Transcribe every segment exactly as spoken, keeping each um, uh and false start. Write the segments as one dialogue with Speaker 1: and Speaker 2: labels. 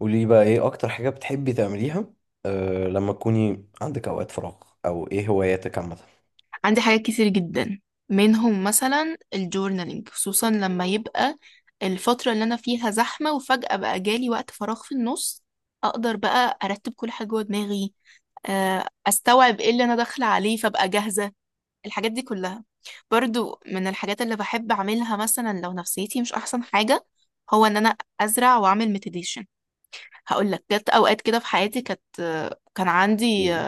Speaker 1: قولي لي بقى ايه اكتر حاجة بتحبي تعمليها؟ أه لما تكوني عندك اوقات فراغ، او ايه هواياتك عامة؟
Speaker 2: عندي حاجات كتير جدا منهم مثلا الجورنالينج خصوصا لما يبقى الفترة اللي أنا فيها زحمة وفجأة بقى جالي وقت فراغ في النص أقدر بقى أرتب كل حاجة جوه دماغي، آه، أستوعب إيه اللي أنا داخلة عليه فأبقى جاهزة الحاجات دي كلها. برضو من الحاجات اللي بحب أعملها مثلا لو نفسيتي مش أحسن حاجة هو إن أنا أزرع وأعمل مديتيشن. هقول لك جت أوقات كده في حياتي كانت كان عندي
Speaker 1: مم.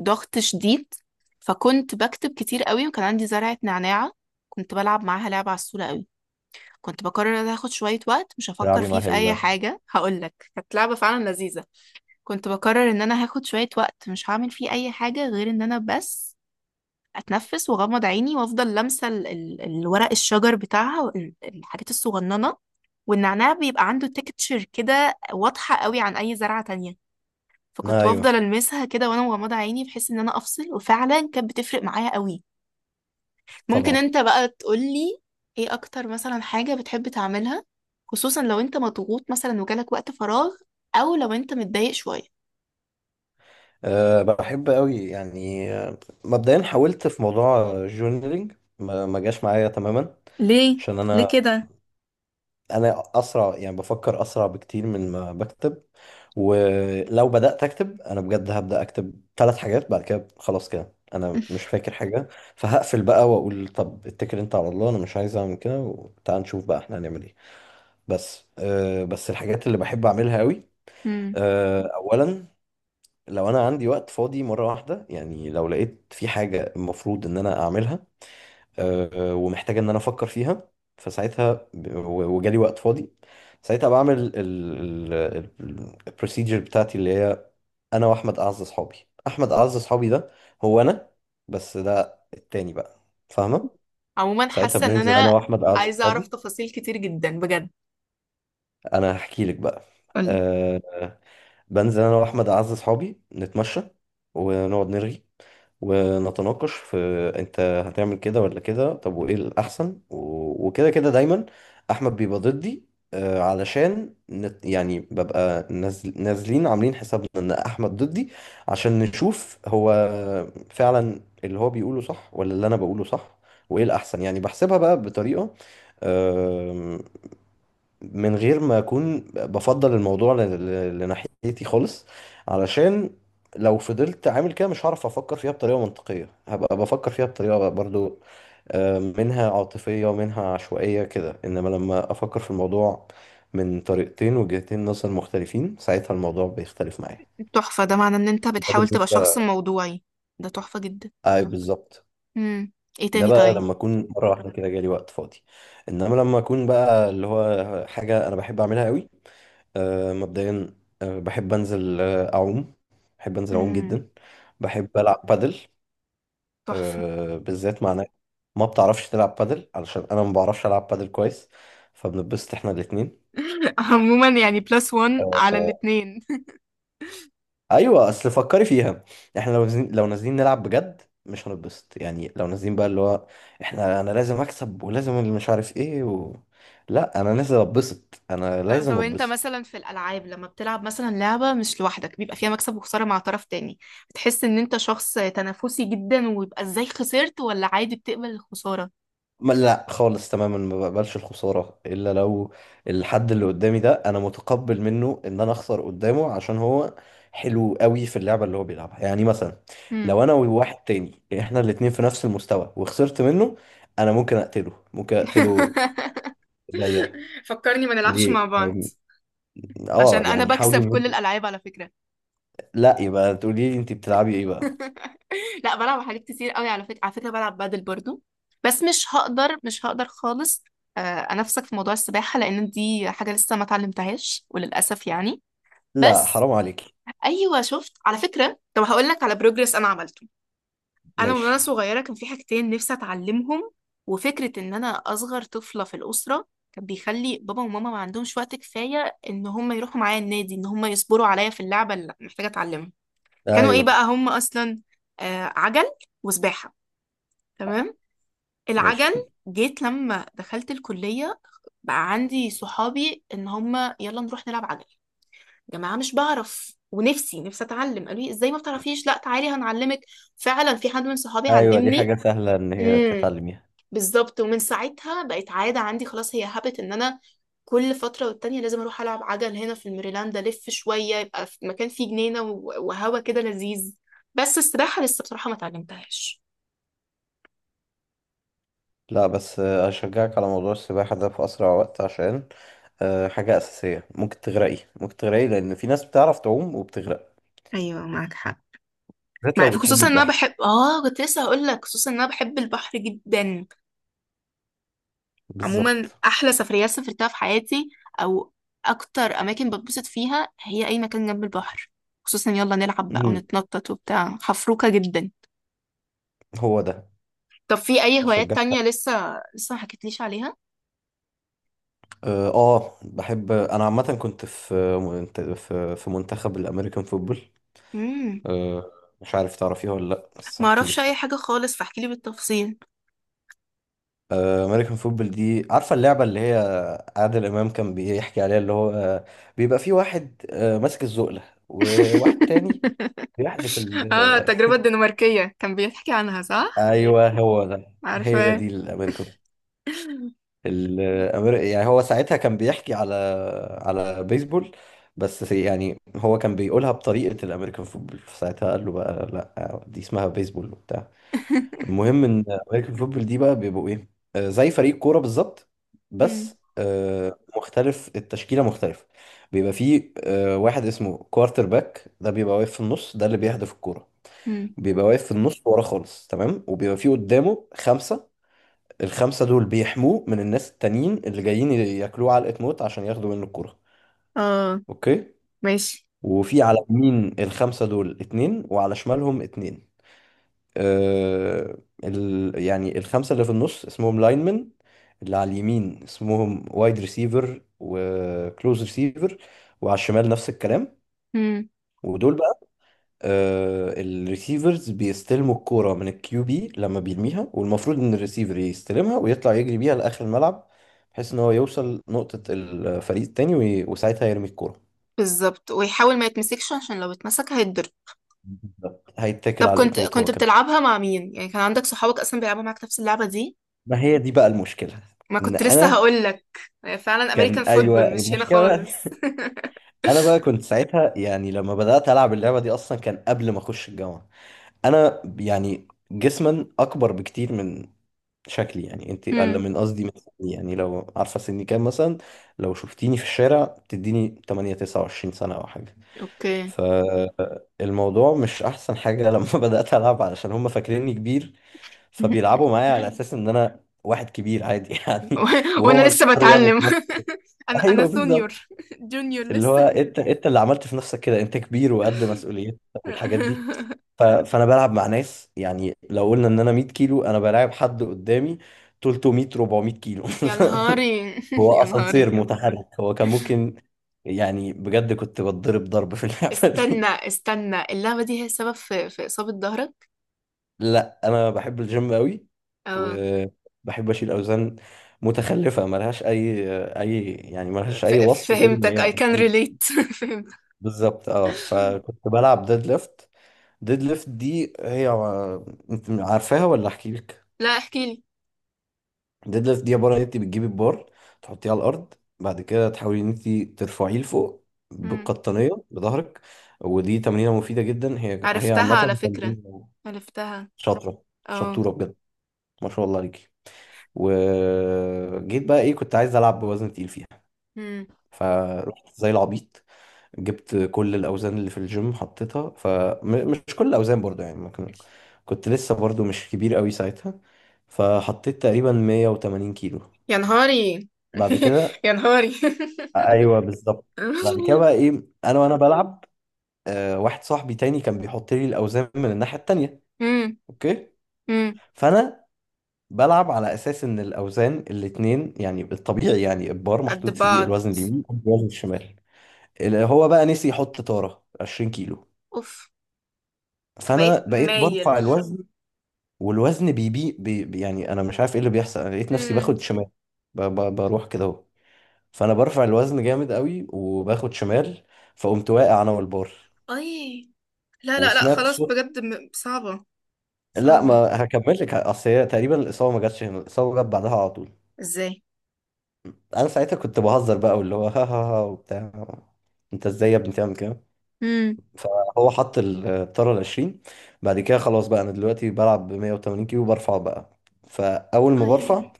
Speaker 2: ضغط شديد، فكنت بكتب كتير قوي وكان عندي زرعة نعناع كنت بلعب معاها لعبة عسولة قوي. كنت بقرر ان هاخد شوية وقت مش هفكر
Speaker 1: بتلعبي
Speaker 2: فيه
Speaker 1: معاها
Speaker 2: في
Speaker 1: ايه
Speaker 2: اي
Speaker 1: بقى؟
Speaker 2: حاجة، هقولك كانت لعبة فعلا لذيذة. كنت بقرر ان انا هاخد شوية وقت مش هعمل فيه اي حاجة غير ان انا بس اتنفس واغمض عيني وافضل لامسة ال- ال- الورق الشجر بتاعها وال- الحاجات الصغننة، والنعناع بيبقى عنده تكتشر كده واضحة قوي عن اي زرعة تانية،
Speaker 1: آه،
Speaker 2: فكنت
Speaker 1: ايوه.
Speaker 2: بفضل المسها كده وانا مغمضه عيني بحيث ان انا افصل، وفعلا كانت بتفرق معايا قوي. ممكن
Speaker 1: طبعا.
Speaker 2: انت بقى تقولي ايه اكتر مثلا حاجه بتحب تعملها، خصوصا لو انت مضغوط مثلا وجالك وقت فراغ او لو انت متضايق شويه.
Speaker 1: أه بحب قوي، يعني، آه، مبدئيا حاولت في موضوع الجورنالينج. ما ما جاش معايا تماما،
Speaker 2: ليه؟
Speaker 1: عشان
Speaker 2: ليه
Speaker 1: انا
Speaker 2: كده؟
Speaker 1: انا اسرع، يعني بفكر اسرع بكتير من ما بكتب. ولو بدأت أكتب أنا بجد هبدأ أكتب ثلاث حاجات، بعد كده خلاص كده أنا مش فاكر حاجة. فهقفل بقى وأقول طب اتكل أنت على الله، أنا مش عايز أعمل كده، وتعال نشوف بقى إحنا هنعمل إيه. بس أه بس الحاجات اللي بحب أعملها أوي.
Speaker 2: مم.
Speaker 1: أه أولا، لو أنا عندي وقت فاضي مرة واحدة، يعني لو لقيت في حاجة المفروض إن أنا أعملها آه، ومحتاجه ان انا افكر فيها، فساعتها ب- و- وجالي وقت فاضي. ساعتها بعمل البروسيجر بتاعتي، اللي هي انا واحمد اعز اصحابي. احمد اعز اصحابي ده هو انا، بس ده التاني بقى، فاهمه؟
Speaker 2: عموما
Speaker 1: ساعتها
Speaker 2: حاسه ان
Speaker 1: بننزل انا
Speaker 2: انا
Speaker 1: واحمد اعز
Speaker 2: عايزه اعرف
Speaker 1: اصحابي.
Speaker 2: تفاصيل كتير جدا بجد.
Speaker 1: انا هحكي لك بقى.
Speaker 2: قولي.
Speaker 1: أه بنزل انا واحمد اعز اصحابي، نتمشى ونقعد نرغي ونتناقش في، انت هتعمل كده ولا كده، طب وايه الاحسن، و- وكده، كده دايما احمد بيبقى ضدي. آه، علشان نت، يعني ببقى نازل، نازلين عاملين حسابنا ان احمد ضدي، عشان نشوف هو فعلا اللي هو بيقوله صح ولا اللي انا بقوله صح، وايه الاحسن. يعني بحسبها بقى بطريقة من غير ما اكون بفضل الموضوع ل- ل- لناحيتي خالص، علشان لو فضلت عامل كده مش هعرف افكر فيها بطريقه منطقيه، هبقى بفكر فيها بطريقه برضو، آه، منها عاطفيه ومنها عشوائيه كده. انما لما افكر في الموضوع من طريقتين، وجهتين نظر مختلفين، ساعتها الموضوع بيختلف معايا.
Speaker 2: تحفه، ده معناه ان انت
Speaker 1: ده
Speaker 2: بتحاول تبقى شخص
Speaker 1: بالنسبه.
Speaker 2: موضوعي، ده تحفه جدا.
Speaker 1: اي بالظبط.
Speaker 2: مم. ايه
Speaker 1: ده
Speaker 2: تاني
Speaker 1: بقى
Speaker 2: طيب؟
Speaker 1: لما اكون مره واحده كده جالي وقت فاضي، انما لما اكون بقى اللي هو حاجه انا بحب اعملها قوي، آه، مبدئيا، آه، بحب انزل، آه، اعوم. بحب انزل اعوم
Speaker 2: مم.
Speaker 1: جدا. بحب العب بادل.
Speaker 2: تحفه.
Speaker 1: آه، بالذات مع ناس ما بتعرفش تلعب بادل، علشان انا ما بعرفش العب بادل كويس، فبنتبسط احنا الاثنين.
Speaker 2: عموما يعني بلس وان على الاتنين.
Speaker 1: ايوه اصل فكري فيها. احنا لو نازلين، لو نازلين نلعب بجد مش هنتبسط. يعني لو نازلين بقى اللي هو احنا، انا لازم اكسب ولازم اللي مش عارف ايه و... لا انا نازل اتبسط، انا
Speaker 2: طب
Speaker 1: لازم
Speaker 2: طب انت
Speaker 1: اتبسط.
Speaker 2: مثلا في الالعاب لما بتلعب مثلا لعبه مش لوحدك بيبقى فيها مكسب وخساره مع طرف تاني، بتحس ان انت شخص تنافسي جدا ويبقى ازاي خسرت، ولا عادي بتقبل الخساره؟
Speaker 1: ما لا خالص تماما، ما بقبلش الخساره الا لو الحد اللي قدامي ده انا متقبل منه ان انا اخسر قدامه، عشان هو حلو قوي في اللعبه اللي هو بيلعبها. يعني مثلا
Speaker 2: مم.
Speaker 1: لو انا وواحد تاني احنا الاتنين في نفس المستوى وخسرت منه، انا ممكن اقتله، ممكن اقتله زيه.
Speaker 2: فكرني ما نلعبش
Speaker 1: ليه
Speaker 2: مع بعض
Speaker 1: طيب؟ اه
Speaker 2: عشان انا
Speaker 1: يعني حاولي
Speaker 2: بكسب كل
Speaker 1: إنك-
Speaker 2: الالعاب على فكره.
Speaker 1: لا يبقى تقولي لي انت بتلعبي ايه بقى.
Speaker 2: لا بلعب حاجات كتير قوي على فكرة، على فكرة بلعب بادل برضو، بس مش هقدر مش هقدر خالص آه، انافسك في موضوع السباحة لان دي حاجة لسه ما اتعلمتهاش وللاسف يعني.
Speaker 1: لا
Speaker 2: بس
Speaker 1: حرام عليكي.
Speaker 2: ايوه شفت، على فكرة طب هقول لك على بروجرس انا عملته. انا من وانا
Speaker 1: ماشي.
Speaker 2: صغيرة كان في حاجتين نفسي اتعلمهم، وفكرة ان انا اصغر طفلة في الأسرة كان بيخلي بابا وماما ما عندهمش وقت كفاية ان هم يروحوا معايا النادي ان هم يصبروا عليا في اللعبة اللي محتاجة اتعلمها. كانوا ايه
Speaker 1: ايوه.
Speaker 2: بقى هم اصلا؟ آه عجل وسباحة. تمام. العجل
Speaker 1: ماشي.
Speaker 2: جيت لما دخلت الكلية بقى عندي صحابي ان هم يلا نروح نلعب عجل، جماعة مش بعرف ونفسي نفسي اتعلم، قالوا لي ازاي ما بتعرفيش، لا تعالي هنعلمك، فعلا في حد من صحابي
Speaker 1: ايوه دي
Speaker 2: علمني.
Speaker 1: حاجة سهلة ان هي
Speaker 2: مم.
Speaker 1: تتعلميها.
Speaker 2: بالظبط، ومن ساعتها بقت عادة عندي خلاص، هي هابت ان انا كل فترة والتانية لازم اروح العب عجل، هنا في الميريلاند الف شوية يبقى في مكان فيه جنينة و- وهوا كده لذيذ. بس السباحة لسه بصراحة ما اتعلمتهاش.
Speaker 1: لا بس آه، اشجعك على موضوع السباحة ده في اسرع وقت، عشان آه، حاجة اساسية، ممكن تغرقي، ممكن تغرقي لان في ناس بتعرف تعوم وبتغرق،
Speaker 2: ايوه معاك حق.
Speaker 1: بالذات
Speaker 2: مع-
Speaker 1: لو بتحبي
Speaker 2: خصوصا ان انا
Speaker 1: البحر.
Speaker 2: بحب، اه كنت لسه هقول لك، خصوصا ان انا بحب البحر جدا. عموما
Speaker 1: بالظبط.
Speaker 2: احلى سفريات سافرتها في حياتي او اكتر اماكن بتبسط فيها هي اي مكان جنب البحر، خصوصا يلا نلعب بقى
Speaker 1: امم.
Speaker 2: ونتنطط وبتاع، حفروكة جدا.
Speaker 1: هو ده.
Speaker 2: طب في اي هوايات تانية
Speaker 1: اشجعك.
Speaker 2: لسه لسه ما حكيتليش عليها؟
Speaker 1: اه آه، بحب انا عامة، كنت في في في منتخب الامريكان فوتبول.
Speaker 2: امم.
Speaker 1: أه مش عارف تعرفيها ولا لأ، بس
Speaker 2: ما
Speaker 1: هحكي
Speaker 2: اعرفش اي
Speaker 1: لك.
Speaker 2: حاجة خالص فاحكيلي بالتفصيل.
Speaker 1: امريكان فوتبول دي، عارفة اللعبة اللي هي عادل إمام كان بيحكي عليها اللي هو آه، بيبقى في واحد آه، ماسك الزقلة وواحد تاني بيحدف
Speaker 2: اه التجربة
Speaker 1: ال
Speaker 2: الدنماركية كان بيحكي عنها صح؟
Speaker 1: أيوه، هو ده، هي
Speaker 2: عارفة.
Speaker 1: دي الأمريكان. الأمر... يعني هو ساعتها كان بيحكي على، على بيسبول، بس سي- يعني هو كان بيقولها بطريقة الأمريكان فوتبول، فساعتها قال له بقى لأ، دي اسمها بيسبول وبتاع. المهم ان امريكان فوتبول دي بقى بيبقوا ايه؟ آه، زي فريق كوره بالظبط، بس
Speaker 2: امم.
Speaker 1: آه، مختلف، التشكيله مختلفه. بيبقى فيه آه، واحد اسمه كوارتر باك، ده بيبقى واقف في النص، ده اللي بيهدف الكوره.
Speaker 2: امم.
Speaker 1: بيبقى واقف في النص ورا خالص، تمام، وبيبقى فيه قدامه خمسه. الخمسه دول بيحموه من الناس التانيين اللي جايين ياكلوه علقه موت عشان ياخدوا منه الكوره.
Speaker 2: اه.
Speaker 1: اوكي.
Speaker 2: ماشي.
Speaker 1: وفي على يمين الخمسه دول اتنين وعلى شمالهم اتنين. آه، ال... يعني الخمسة اللي في النص اسمهم لاينمن. اللي على اليمين اسمهم وايد ريسيفر وكلوز ريسيفر، وعلى الشمال نفس الكلام.
Speaker 2: امم.
Speaker 1: ودول بقى آه الريسيفرز بيستلموا الكورة من الكيو بي لما بيرميها، والمفروض ان الريسيفر يستلمها ويطلع يجري بيها لآخر الملعب، بحيث ان هو يوصل نقطة الفريق التاني، وي... وساعتها يرمي الكورة.
Speaker 2: بالظبط، ويحاول ما يتمسكش عشان لو اتمسك هيتضرب.
Speaker 1: بالظبط. هيتكل
Speaker 2: طب
Speaker 1: على
Speaker 2: كنت
Speaker 1: اتموت
Speaker 2: كنت
Speaker 1: هو كمان.
Speaker 2: بتلعبها مع مين يعني، كان عندك صحابك اصلا بيلعبوا معاك نفس اللعبة دي؟
Speaker 1: ما هي دي بقى المشكلة،
Speaker 2: ما
Speaker 1: ان
Speaker 2: كنت لسه
Speaker 1: انا.
Speaker 2: هقول لك، فعلا امريكان
Speaker 1: كان
Speaker 2: فوتبول
Speaker 1: ايوه
Speaker 2: مش هنا
Speaker 1: المشكله بقى،
Speaker 2: خالص.
Speaker 1: انا بقى كنت ساعتها، يعني لما بدات العب اللعبه دي اصلا كان قبل ما اخش الجامعه. انا يعني جسما اكبر بكتير من شكلي، يعني انت اقل
Speaker 2: امم.
Speaker 1: من، قصدي من سني. يعني لو عارفه سني كام مثلا، لو شفتيني في الشارع تديني تمانية تسعة وعشرين سنه او حاجه.
Speaker 2: اوكي.
Speaker 1: فالموضوع مش احسن حاجه لما بدات العب، علشان هم فاكريني كبير، فبيلعبوا معايا على اساس ان انا واحد كبير عادي يعني. وهو
Speaker 2: وانا
Speaker 1: اللي
Speaker 2: لسه
Speaker 1: اضطر يعمل
Speaker 2: بتعلم.
Speaker 1: في نفسه.
Speaker 2: انا انا
Speaker 1: ايوه
Speaker 2: سونيور،
Speaker 1: بالظبط.
Speaker 2: جونيور
Speaker 1: اللي هو
Speaker 2: لسه.
Speaker 1: انت، انت اللي عملت في نفسك كده انت كبير وقد مسؤوليتك والحاجات دي. ف... فانا بلعب مع ناس، يعني لو قلنا ان انا 100 كيلو، انا بلاعب حد قدامي تلتمية، اربعمية كيلو.
Speaker 2: يا نهاري.
Speaker 1: هو
Speaker 2: يا
Speaker 1: اسانسير
Speaker 2: نهاري.
Speaker 1: متحرك هو، كان ممكن يعني بجد كنت بتضرب ضرب في اللعبة
Speaker 2: استنى
Speaker 1: دي.
Speaker 2: استنى، اللعبة دي هي السبب في في إصابة ظهرك؟
Speaker 1: لا انا بحب الجيم قوي،
Speaker 2: اه.
Speaker 1: وبحب اشيل اوزان متخلفة ملهاش اي، اي يعني، ملهاش
Speaker 2: ف-
Speaker 1: اي وصف غير ان
Speaker 2: فهمتك I
Speaker 1: هي.
Speaker 2: can relate. فهمت.
Speaker 1: بالظبط. اه فكنت بلعب ديد ليفت. ديد ليفت دي هي، انت عارفاها ولا احكي لك؟
Speaker 2: لا احكي لي.
Speaker 1: ديد ليفت دي عباره ان انت بتجيبي البار، تحطيه على الارض، بعد كده تحاولي ان انت ترفعيه لفوق
Speaker 2: مم.
Speaker 1: بالقطنيه بظهرك. ودي تمرينه مفيده جدا، هي هي عامه.
Speaker 2: عرفتها على فكرة،
Speaker 1: تمرين.
Speaker 2: عرفتها.
Speaker 1: شاطره.
Speaker 2: اه.
Speaker 1: شطوره بجد، ما شاء الله عليكي. وجيت بقى ايه، كنت عايز العب بوزن تقيل فيها،
Speaker 2: مم.
Speaker 1: فرحت زي العبيط، جبت كل الاوزان اللي في الجيم حطيتها. فمش كل الاوزان برضو، يعني ممكن، كنت لسه برضو مش كبير قوي ساعتها. فحطيت تقريبا 180 كيلو.
Speaker 2: يا نهاري.
Speaker 1: بعد كده.
Speaker 2: يا نهاري.
Speaker 1: ايوه بالظبط. بعد كده بقى ايه، انا وانا بلعب، آه واحد صاحبي تاني كان بيحط لي الاوزان من الناحيه التانيه.
Speaker 2: مم.
Speaker 1: اوكي.
Speaker 2: مم.
Speaker 1: فانا بلعب على اساس ان الاوزان الاتنين، يعني الطبيعي يعني البار
Speaker 2: قد
Speaker 1: محطوط فيه
Speaker 2: بعض.
Speaker 1: الوزن اليمين والوزن الشمال. اللي هو بقى نسي يحط طاره 20 كيلو.
Speaker 2: اوف. فبقيت
Speaker 1: فانا بقيت
Speaker 2: مايل.
Speaker 1: برفع الوزن، والوزن بيبي بي بي- يعني انا مش عارف ايه اللي بيحصل، انا لقيت نفسي
Speaker 2: مم.
Speaker 1: باخد شمال، ب- ب- بروح كده اهو. فانا برفع الوزن جامد قوي وباخد شمال. فقمت واقع انا والبار،
Speaker 2: اي. لا لا لا
Speaker 1: وسمعت
Speaker 2: خلاص
Speaker 1: صوت.
Speaker 2: بجد، م- صعبة،
Speaker 1: لا،
Speaker 2: صعبة.
Speaker 1: ما هكمل لك، اصل هي تقريبا الاصابه ما جاتش هنا، الاصابه جت بعدها على طول.
Speaker 2: ازاي؟
Speaker 1: انا ساعتها كنت بهزر بقى، واللي هو ها ها، ها وبتاع، انت ازاي يا ابني تعمل كده.
Speaker 2: امم.
Speaker 1: فهو حط الطاره ال عشرين. بعد كده خلاص بقى، انا دلوقتي بلعب ب 180 كيلو، برفع بقى. فاول ما
Speaker 2: اي.
Speaker 1: برفع،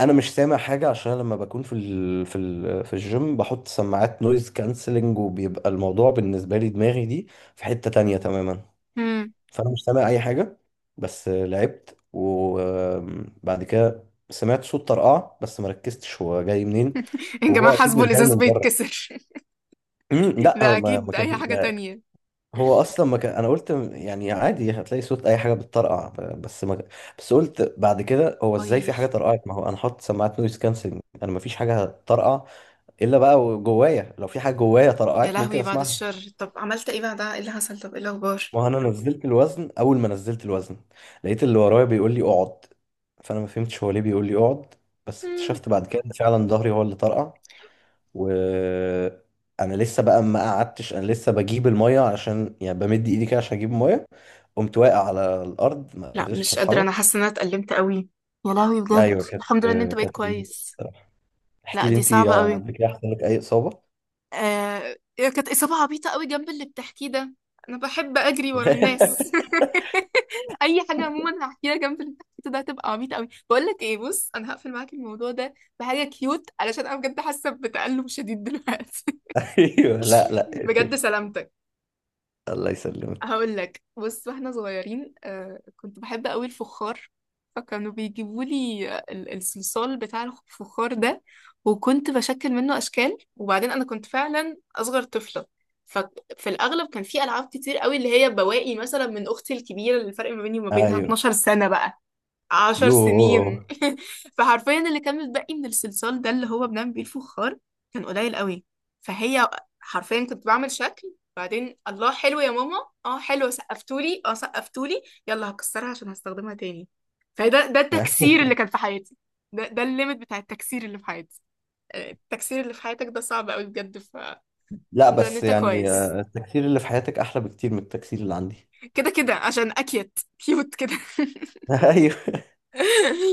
Speaker 1: انا مش سامع حاجه، عشان لما بكون في ال... في ال... في الجيم بحط سماعات نويز كانسلنج، وبيبقى الموضوع بالنسبه لي دماغي دي في حته تانية تماما.
Speaker 2: امم.
Speaker 1: فانا مش سامع اي حاجه. بس لعبت وبعد كده سمعت صوت طرقعه، بس ما ركزتش هو جاي منين،
Speaker 2: يا
Speaker 1: وهو
Speaker 2: جماعة
Speaker 1: اكيد
Speaker 2: حاسبه
Speaker 1: مش جاي
Speaker 2: الإزاز
Speaker 1: من بره.
Speaker 2: بيتكسر.
Speaker 1: أمم، لا هو
Speaker 2: ده
Speaker 1: ما ما
Speaker 2: أكيد أي
Speaker 1: كان،
Speaker 2: حاجة تانية.
Speaker 1: هو اصلا ما كان، انا قلت م- يعني عادي هتلاقي صوت اي حاجه بتطرقع، ب- بس ما، بس قلت بعد كده هو
Speaker 2: اي.
Speaker 1: ازاي في حاجه طرقعت، ما هو انا حاطط سماعات نويز كانسلنج، انا ما فيش حاجه هتطرقع الا بقى جوايا، لو في حاجه جوايا
Speaker 2: يا
Speaker 1: طرقعت ممكن
Speaker 2: لهوي بعد
Speaker 1: اسمعها.
Speaker 2: الشر، طب عملت ايه بعدها، ايه اللي حصل، طب ايه الاخبار؟
Speaker 1: ما هو انا نزلت الوزن، اول ما نزلت الوزن لقيت اللي ورايا بيقول لي اقعد. فانا ما فهمتش هو ليه بيقول لي اقعد، بس
Speaker 2: مم.
Speaker 1: اكتشفت بعد كده ان فعلا ظهري هو اللي طرقع. وانا لسه بقى ما قعدتش، انا لسه بجيب الميه، عشان يعني بمد ايدي كده عشان اجيب الميه، قمت واقع على الارض ما
Speaker 2: لا
Speaker 1: قدرتش
Speaker 2: مش قادرة،
Speaker 1: اتحرك.
Speaker 2: أنا حاسة إن أنا اتألمت قوي، يا لهوي بجد.
Speaker 1: ايوه كانت،
Speaker 2: الحمد لله إن أنت بقيت
Speaker 1: كانت
Speaker 2: كويس.
Speaker 1: الصراحه. احكي
Speaker 2: لا
Speaker 1: لي
Speaker 2: دي
Speaker 1: انت،
Speaker 2: صعبة قوي.
Speaker 1: قبل كده حصل لك اي اصابه؟
Speaker 2: آه كانت إصابة عبيطة قوي جنب اللي بتحكيه ده. أنا بحب أجري ورا الناس. أي حاجة عموما هحكيها جنب اللي بتحكيه ده هتبقى عبيطة قوي. بقول لك إيه، بص أنا هقفل معاك الموضوع ده بحاجة كيوت علشان أنا بجد حاسة بتألم شديد دلوقتي.
Speaker 1: ايوه لا لا
Speaker 2: بجد
Speaker 1: اقفلي.
Speaker 2: سلامتك.
Speaker 1: الله يسلمك.
Speaker 2: هقول لك، بص واحنا صغيرين آه كنت بحب قوي الفخار، فكانوا بيجيبوا لي الصلصال بتاع الفخار ده، وكنت بشكل منه اشكال. وبعدين انا كنت فعلا اصغر طفله، ففي الاغلب كان في العاب كتير قوي اللي هي بواقي مثلا من اختي الكبيره، اللي الفرق ما بيني وما بينها
Speaker 1: ايوه.
Speaker 2: اتناشر سنه، بقى عشر سنين.
Speaker 1: يوه.
Speaker 2: فحرفيا اللي كان متبقي من الصلصال ده اللي هو بنعمل بيه الفخار كان قليل قوي. فهي حرفيا كنت بعمل شكل، بعدين الله حلو يا ماما، اه حلو سقفتولي اه سقفتولي، يلا هكسرها عشان هستخدمها تاني. فده ده التكسير اللي كان في حياتي، ده ده الليميت بتاع التكسير اللي في حياتي. آه، التكسير اللي في حياتك ده صعب قوي بجد، فالحمد
Speaker 1: لا
Speaker 2: لله ان
Speaker 1: بس
Speaker 2: انت
Speaker 1: يعني
Speaker 2: كويس.
Speaker 1: آه، التكسير اللي في حياتك احلى بكتير من التكسير اللي عندي.
Speaker 2: كده كده عشان اكيت كيوت كده.
Speaker 1: ايوه